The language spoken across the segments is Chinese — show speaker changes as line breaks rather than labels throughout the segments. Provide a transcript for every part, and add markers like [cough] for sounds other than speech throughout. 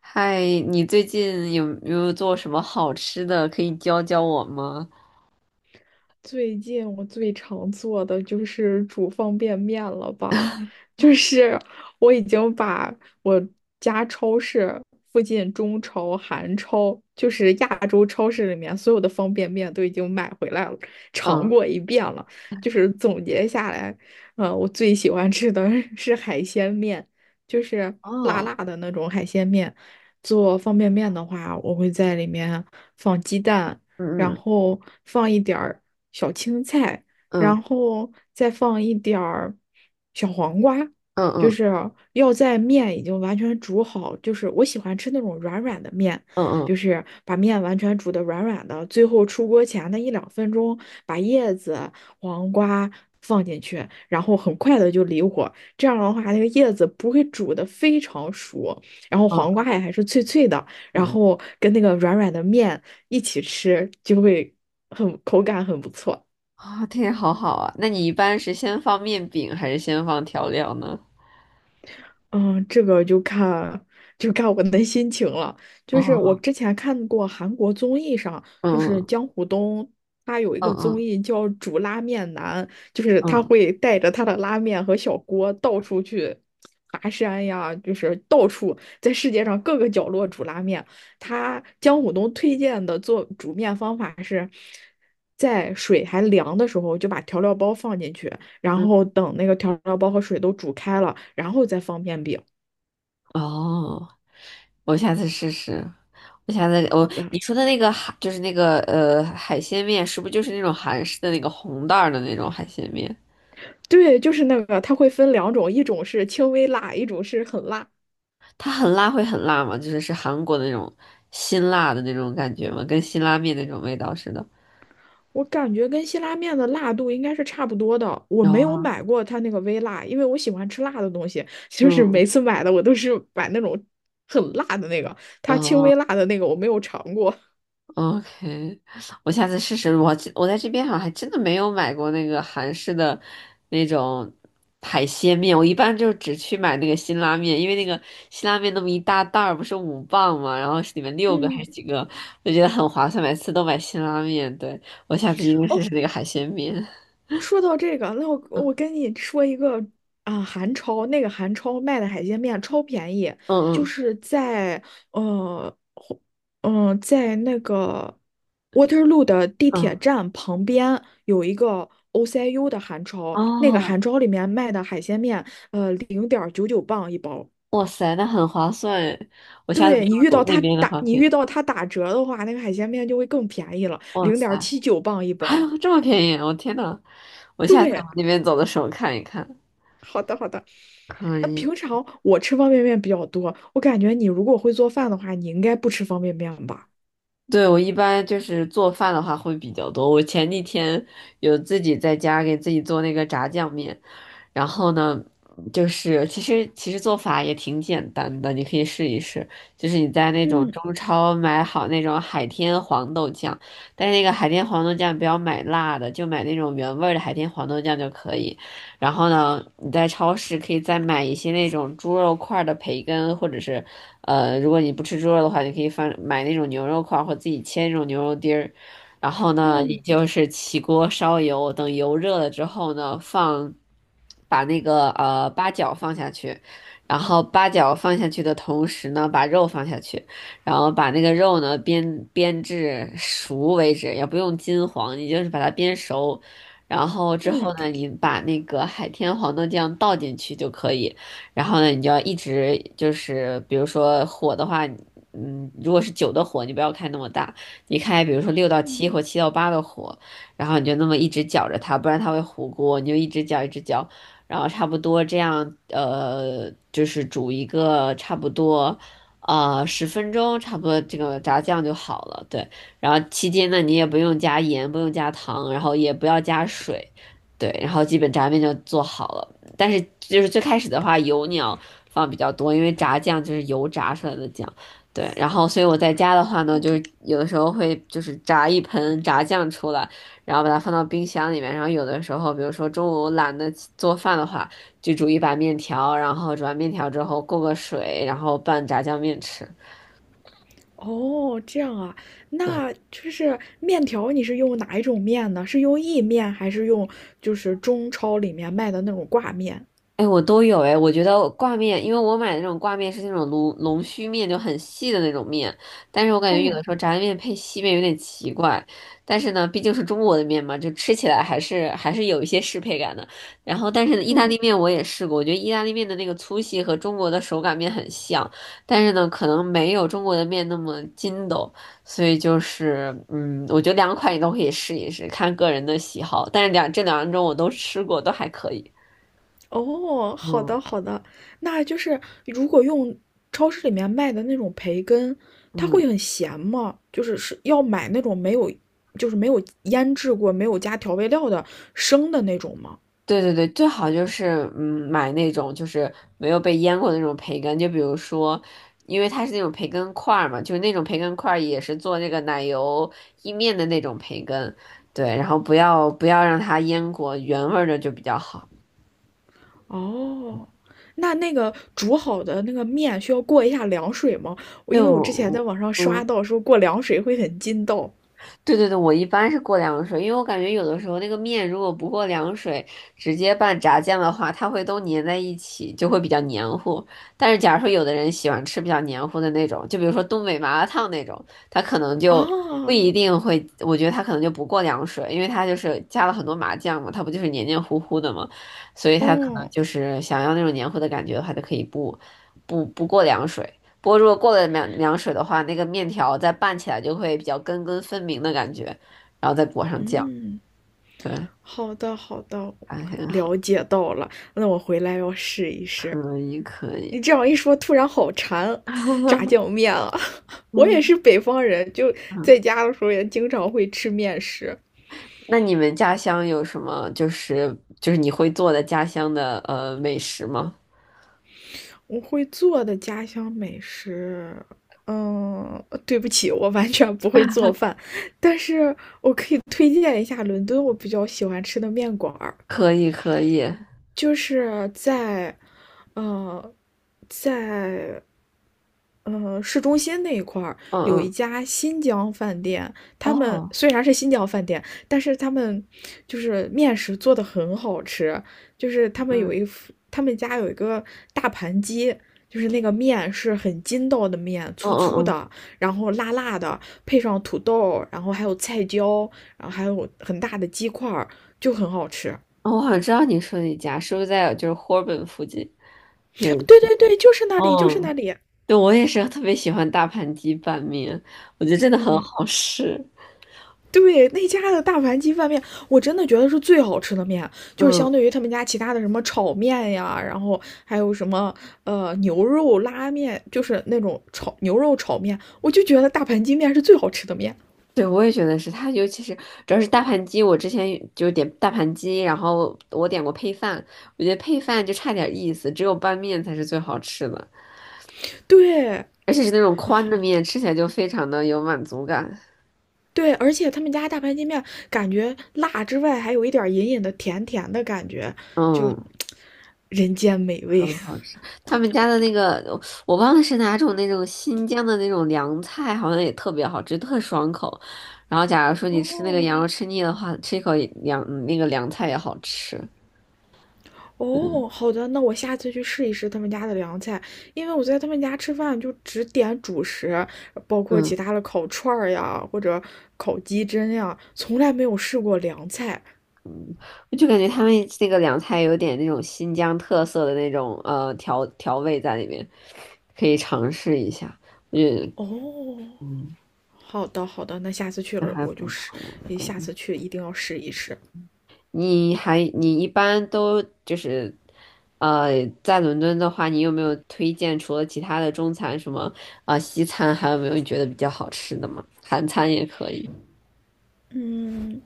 嗨，你最近有没有做什么好吃的？可以教教我吗？
最近我最常做的就是煮方便面了吧，就是我已经把我家超市附近中超、韩超，就是亚洲超市里面所有的方便面都已经买回来了，尝
嗯，
过一遍了。就是总结下来，我最喜欢吃的 [laughs] 是海鲜面，就是辣
哦，
辣的那种海鲜面。做方便面的话，我会在里面放鸡蛋。然
嗯
后放一点儿小青菜，
嗯
然后再放一点儿小黄瓜，
嗯
就
嗯
是要在面已经完全煮好，就是我喜欢吃那种软软的面，
嗯
就
嗯
是把面完全煮的软软的，最后出锅前的一两分钟把叶子、黄瓜。放进去，然后很快的就离火，这样的话，那个叶子不会煮的非常熟，然后黄
嗯
瓜也还是脆脆的，然
嗯，
后跟那个软软的面一起吃，就会很口感很不错。
啊，这好好啊。那你一般是先放面饼还是先放调料呢？
嗯，这个就看我的心情了。就是我
哦，
之前看过韩国综艺上，
嗯
就是
嗯
姜虎东他有一个综
嗯
艺叫《煮拉面男》，就是他
嗯
会带着他的拉面和小锅到处去爬山呀，就是到处在世界上各个角落煮拉面。他姜虎东推荐的做煮面方法是，在水还凉的时候就把调料包放进去，然
嗯，
后等那个调料包和水都煮开了，然后再放面饼。
哦，我下次试试。我下次
好
我
的，
你说的那个就是那个海鲜面，是不是就是那种韩式的那个红袋儿的那种海鲜面？
对，就是那个，它会分两种，一种是轻微辣，一种是很辣。
它很辣会很辣吗？就是韩国的那种辛辣的那种感觉吗？跟辛拉面那种味道似的。
我感觉跟辛拉面的辣度应该是差不多的。我
有
没有
啊，
买过它那个微辣，因为我喜欢吃辣的东西，[laughs] 就是每
嗯
次买的我都是买那种很辣的那个，它轻
嗯
微辣的那个我没有尝过。
，OK,我下次试试。我在这边好像还真的没有买过那个韩式的那种海鲜面，我一般就只去买那个辛拉面，因为那个辛拉面那么一大袋儿不是5磅嘛，然后是里面六个还
嗯，
是几个，我觉得很划算，每次都买辛拉面。对，我下次一定试
哦，
试那个海鲜面。
说到这个，那我跟你说一个韩超，那个韩超卖的海鲜面超便宜，就
嗯嗯
是在呃在那个 Waterloo 的地铁
嗯，
站旁边有一个 OCU 的韩超，那个
哦。
韩超里面卖的海鲜面，0.99磅一包。
哇塞，那很划算诶！我下次
对
去我那边的话
你
可以。
遇到他打折的话，那个海鲜面就会更便宜了，
哇
零
塞，
点七九磅一
还
包。
有这么便宜！我天呐，我下次
对，
往那边走的时候看一看。
好的，好的。
可
那
以。
平常我吃方便面比较多，我感觉你如果会做饭的话，你应该不吃方便面吧？
对，我一般就是做饭的话会比较多。我前几天有自己在家给自己做那个炸酱面，然后呢，就是其实做法也挺简单的，你可以试一试。就是你在那种
嗯
中超买好那种海天黄豆酱，但是那个海天黄豆酱不要买辣的，就买那种原味儿的海天黄豆酱就可以。然后呢，你在超市可以再买一些那种猪肉块儿的培根，或者是如果你不吃猪肉的话，你可以买那种牛肉块儿，或自己切那种牛肉丁儿。然后呢，你
嗯
就是起锅烧油，等油热了之后呢，把那个八角放下去，然后八角放下去的同时呢，把肉放下去，然后把那个肉呢煸至熟为止，也不用金黄，你就是把它煸熟。然后之
嗯
后呢，你把那个海天黄豆酱倒进去就可以。然后呢，你就要一直就是，比如说火的话，嗯，如果是酒的火，你不要开那么大。你开比如说六到
嗯，
七或七到八的火，然后你就那么一直搅着它，不然它会糊锅，你就一直搅一直搅，然后差不多这样，就是煮一个差不多。10分钟差不多，这个炸酱就好了。对，然后期间呢，你也不用加盐，不用加糖，然后也不要加水，对，然后基本炸面就做好了。但是就是最开始的话，油你要放比较多，因为炸酱就是油炸出来的酱。对，然后所以我在家的话呢，就是有的时候会就是炸一盆炸酱出来，然后把它放到冰箱里面，然后有的时候，比如说中午懒得起做饭的话，就煮一把面条，然后煮完面条之后过个水，然后拌炸酱面吃。
哦，这样啊，那就是面条，你是用哪一种面呢？是用意面还是用就是中超里面卖的那种挂面？
哎，我都有哎，我觉得挂面，因为我买的那种挂面是那种龙须面，就很细的那种面，但是我感觉有的
嗯
时候炸酱面配细面有点奇怪，但是呢，毕竟是中国的面嘛，就吃起来还是有一些适配感的。然后，但是呢意大
嗯
利面我也试过，我觉得意大利面的那个粗细和中国的手擀面很像，但是呢，可能没有中国的面那么筋斗，所以就是嗯，我觉得两款你都可以试一试，看个人的喜好，但是这两种我都吃过，都还可以，
哦，好
嗯。
的好的，那就是如果用超市里面卖的那种培根，它
嗯，
会很咸吗？就是是要买那种没有，就是没有腌制过、没有加调味料的生的那种吗？
对对对，最好就是嗯买那种就是没有被腌过的那种培根，就比如说，因为它是那种培根块儿嘛，就是那种培根块儿也是做那个奶油意面的那种培根，对，然后不要让它腌过，原味儿的就比较好。
哦，那那个煮好的那个面需要过一下凉水吗？我因为我之前在
就
网上刷
嗯。
到说过凉水会很筋道
对对对，我一般是过凉水，因为我感觉有的时候那个面如果不过凉水，直接拌炸酱的话，它会都粘在一起，就会比较黏糊。但是假如说有的人喜欢吃比较黏糊的那种，就比如说东北麻辣烫那种，他可能就不
啊，
一定会，我觉得他可能就不过凉水，因为他就是加了很多麻酱嘛，他不就是黏黏糊糊的嘛，所以他可能
哦，
就是想要那种黏糊的感觉的话，就可以不过凉水。不过如果过了凉水的话，那个面条再拌起来就会比较根根分明的感觉，然后再裹上酱，
嗯，
对，
好的好的，
还很好，
了解到了，那我回来要试一试。
可以可
你
以，
这样一说，突然好馋炸
[laughs]
酱面啊！[laughs] 我也是
嗯
北方人，就
嗯。
在家的时候也经常会吃面食。
那你们家乡有什么就是就是你会做的家乡的美食吗？
我会做的家乡美食，嗯，对不起，我完全不会做饭，但是推荐一下伦敦我比较喜欢吃的面馆儿，
可以可以，嗯
就是在，嗯。在市中心那一块儿有一
嗯，
家新疆饭店，他们
哦，
虽然是新疆饭店，但是他们就是面食做的很好吃，就是他们有
嗯
一副他们家有一个大盘鸡。就是那个面是很筋道的面，
嗯
粗粗
嗯嗯，
的，然后辣辣的，配上土豆，然后还有菜椒，然后还有很大的鸡块儿，就很好吃。
哦我好像知道你说你家是不是在就是霍尔本附近有一
对
家，
对对，就是那里，就是那
嗯
里。
对，我也是特别喜欢大盘鸡拌面，我觉得真的很
嗯，
好吃。
对那家的大盘鸡饭面，我真的觉得是最好吃的面，就是
嗯，
相对于他们家其他的什么炒面呀，然后还有什么牛肉拉面，就是那种炒牛肉炒面，我就觉得大盘鸡面是最好吃的面。
对，我也觉得是它，尤其是主要是大盘鸡，我之前就点大盘鸡，然后我点过配饭，我觉得配饭就差点意思，只有拌面才是最好吃的，
对
而且是那种宽的面，吃起来就非常的有满足感。
对，而且他们家大盘鸡面感觉辣之外，还有一点隐隐的甜甜的感觉，就
嗯，
[tsk] 人间美味。
很好吃。他们家的那个，我忘了是哪种那种新疆的那种凉菜，好像也特别好吃，特爽口。然后，假如说
[laughs]
你吃那个
哦，
羊肉吃腻的话，吃一口那个凉菜也好吃。嗯，
哦，好的，那我下次去试一试他们家的凉菜，因为我在他们家吃饭就只点主食，包括
嗯
其他的烤串儿呀，或者烤鸡胗呀，从来没有试过凉菜。
我就感觉他们那个凉菜有点那种新疆特色的那种调味在里面，可以尝试一下。我觉得
哦，
嗯，
好的，好的，那下次去
那
了
还
我就
不
试，
错。
下
对，
次去一定要试一试。
你一般都就是，在伦敦的话，你有没有推荐除了其他的中餐什么啊、西餐，还有没有你觉得比较好吃的吗？韩餐也可以。
嗯，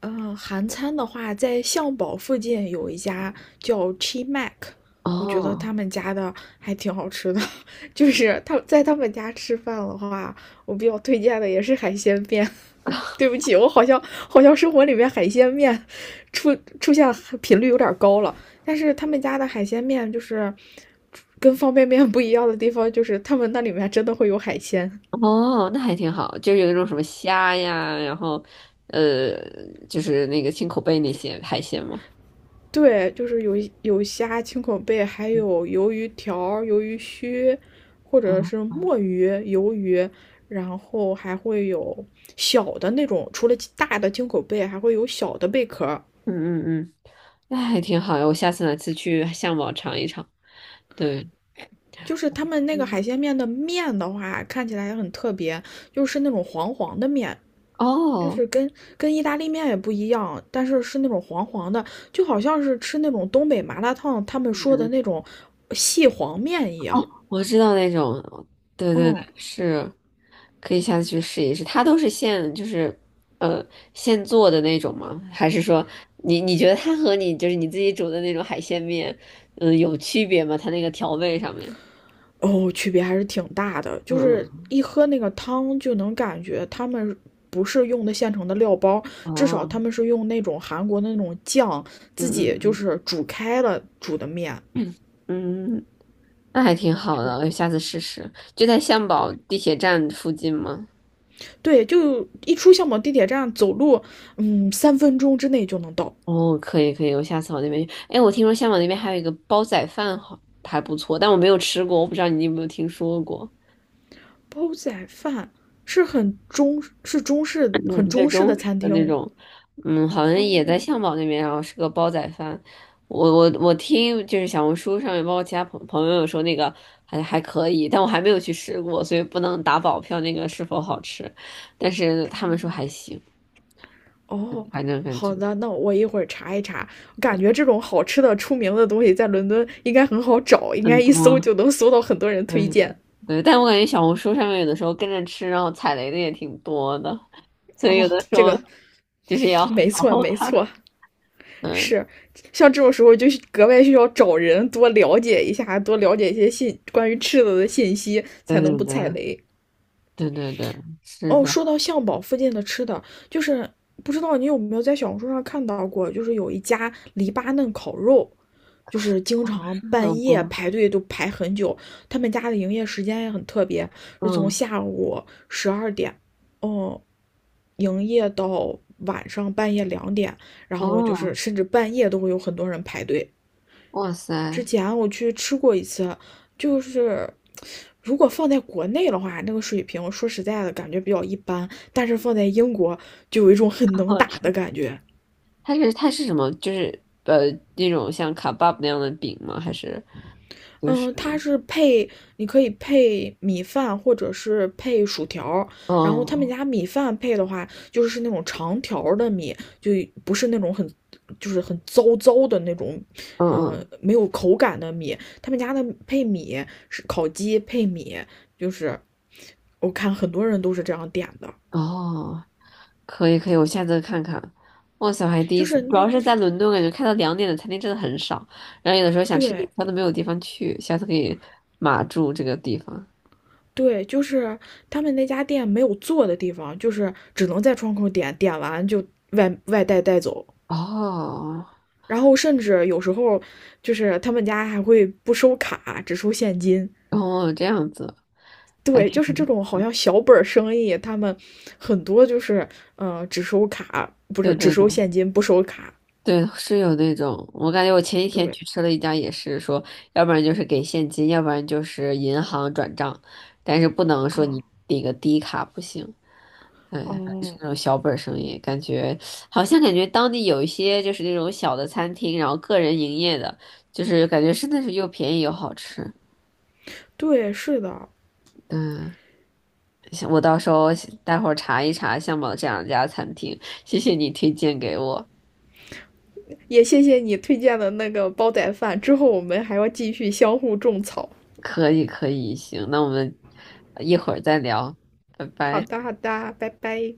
韩餐的话，在象堡附近有一家叫 Chi Mac，我觉得
哦
他们家的还挺好吃的。[laughs] 就是他在他们家吃饭的话，我比较推荐的也是海鲜面。[laughs] 对不起，我好像生活里面海鲜面出现频率有点高了，但是他们家的海鲜面就是跟方便面不一样的地方，就是他们那里面真的会有海鲜。
哦，那还挺好，就是有一种什么虾呀，然后呃，就是那个青口贝那些海鲜嘛。
对，就是有虾、青口贝，还有鱿鱼条、鱿鱼须，或者是
嗯
墨鱼、鱿鱼，然后还会有小的那种，除了大的青口贝，还会有小的贝壳。
嗯嗯嗯，那还挺好呀，我下次哪次去相宝尝一尝。对，
就是他们那个
嗯，
海鲜面的面的话，看起来也很特别，就是那种黄黄的面，就
哦。
是跟意大利面也不一样，但是是那种黄黄的，就好像是吃那种东北麻辣烫他们说的那种细黄面一样。
我知道那种，对对对，
嗯。
是，可以下次去试一试。它都是就是，呃，现做的那种吗？还是说你觉得它和你就是你自己煮的那种海鲜面，嗯、有区别吗？它那个调味上面，
哦，区别还是挺大的，就是
嗯
一喝那个汤就能感觉他们不是用的现成的料包，
嗯，
至少他
哦，
们是用那种韩国的那种酱
嗯
自己就
嗯
是煮开了煮的面，
嗯嗯，那还挺好
就
的，我下次试试。就在象
对
堡地铁站附近吗？
对，就一出相宝地铁站走路，嗯，3分钟之内就能到。
哦，可以可以，我下次往那边去。哎，我听说香港那边还有一个煲仔饭好，还不错，但我没有吃过，我不知道你有没有听说过。
煲仔饭是很中是中式
嗯，对，
的
中式
餐
的那
厅
种，嗯，好像也在
哦，
象堡那边，然后是个煲仔饭。我听就是小红书上面，包括其他朋友有说那个还可以，但我还没有去吃过，所以不能打保票那个是否好吃。但是他们说还行，
哦，
反正感
好
觉
的，那我一会儿查一查。我感觉这种好吃的、出名的东西在伦敦应该很好找，应该
很多。
一搜就能搜到很多人推
对
荐。
对，但我感觉小红书上面有的时候跟着吃，然后踩雷的也挺多的，所以
哦，
有的时
这
候
个
就是要 [laughs]
没
好
错，
好
没
看。
错，
嗯，
是像这种时候就格外需要找人多了解一下，多了解一些信关于吃的的信息，
对
才能
对
不踩
对
雷。
对对对，是
哦，
的，
说到象堡附近的吃的，就是不知道你有没有在小红书上看到过，就是有一家黎巴嫩烤肉，就是经
哦，
常
生老
半夜
公，
排队都排很久。他们家的营业时间也很特别，是从
嗯，
下午12点，嗯营业到晚上半夜2点，然后就是
哦，
甚至半夜都会有很多人排队。
哇
之
塞，
前我去吃过一次，就是如果放在国内的话，那个水平说实在的感觉比较一般，但是放在英国就有一种很
好
能
好
打
吃。
的感觉。
它是什么？就是那种像卡巴布那样的饼吗？还是就是
嗯，它是配，你可以配米饭或者是配薯条儿然后他们
哦
家米饭配的话，就是那种长条儿的米，就不是那种很，就是很糟糟的那种，
嗯嗯嗯
没有口感的米。他们家的配米是烤鸡配米，就是我看很多人都是这样点的，
哦，可以可以，我下次看看。哇塞我还第
就
一次，
是
主
那
要是在伦敦，感觉开到2点的餐厅真的很少，然后有的时候想吃点
对。
餐都没有地方去，下次可以码住这个地方。
对，就是他们那家店没有做的地方，就是只能在窗口点，点完就外带带走。
哦，
然后甚至有时候就是他们家还会不收卡，只收现金。
哦，这样子，还
对，
挺，
就是这种好像小本生意，他们很多就是只收卡，不
对
是只
对对
收现金不收卡。
对，是有那种，我感觉我前几天
对
去吃了一家，也是说，要不然就是给现金，要不然就是银行转账，但是不能说
啊，
你那个低卡不行。嗯，反正是
哦，
那种小本儿生意，感觉好像感觉当地有一些就是那种小的餐厅，然后个人营业的，就是感觉真的是又便宜又好吃。
对，是的，
嗯，行我到时候待会儿查一查相宝这两家餐厅，谢谢你推荐给我。
也谢谢你推荐的那个煲仔饭，之后我们还要继续相互种草。
可以，可以，行，那我们一会儿再聊，拜
好
拜。
的，好的，拜拜。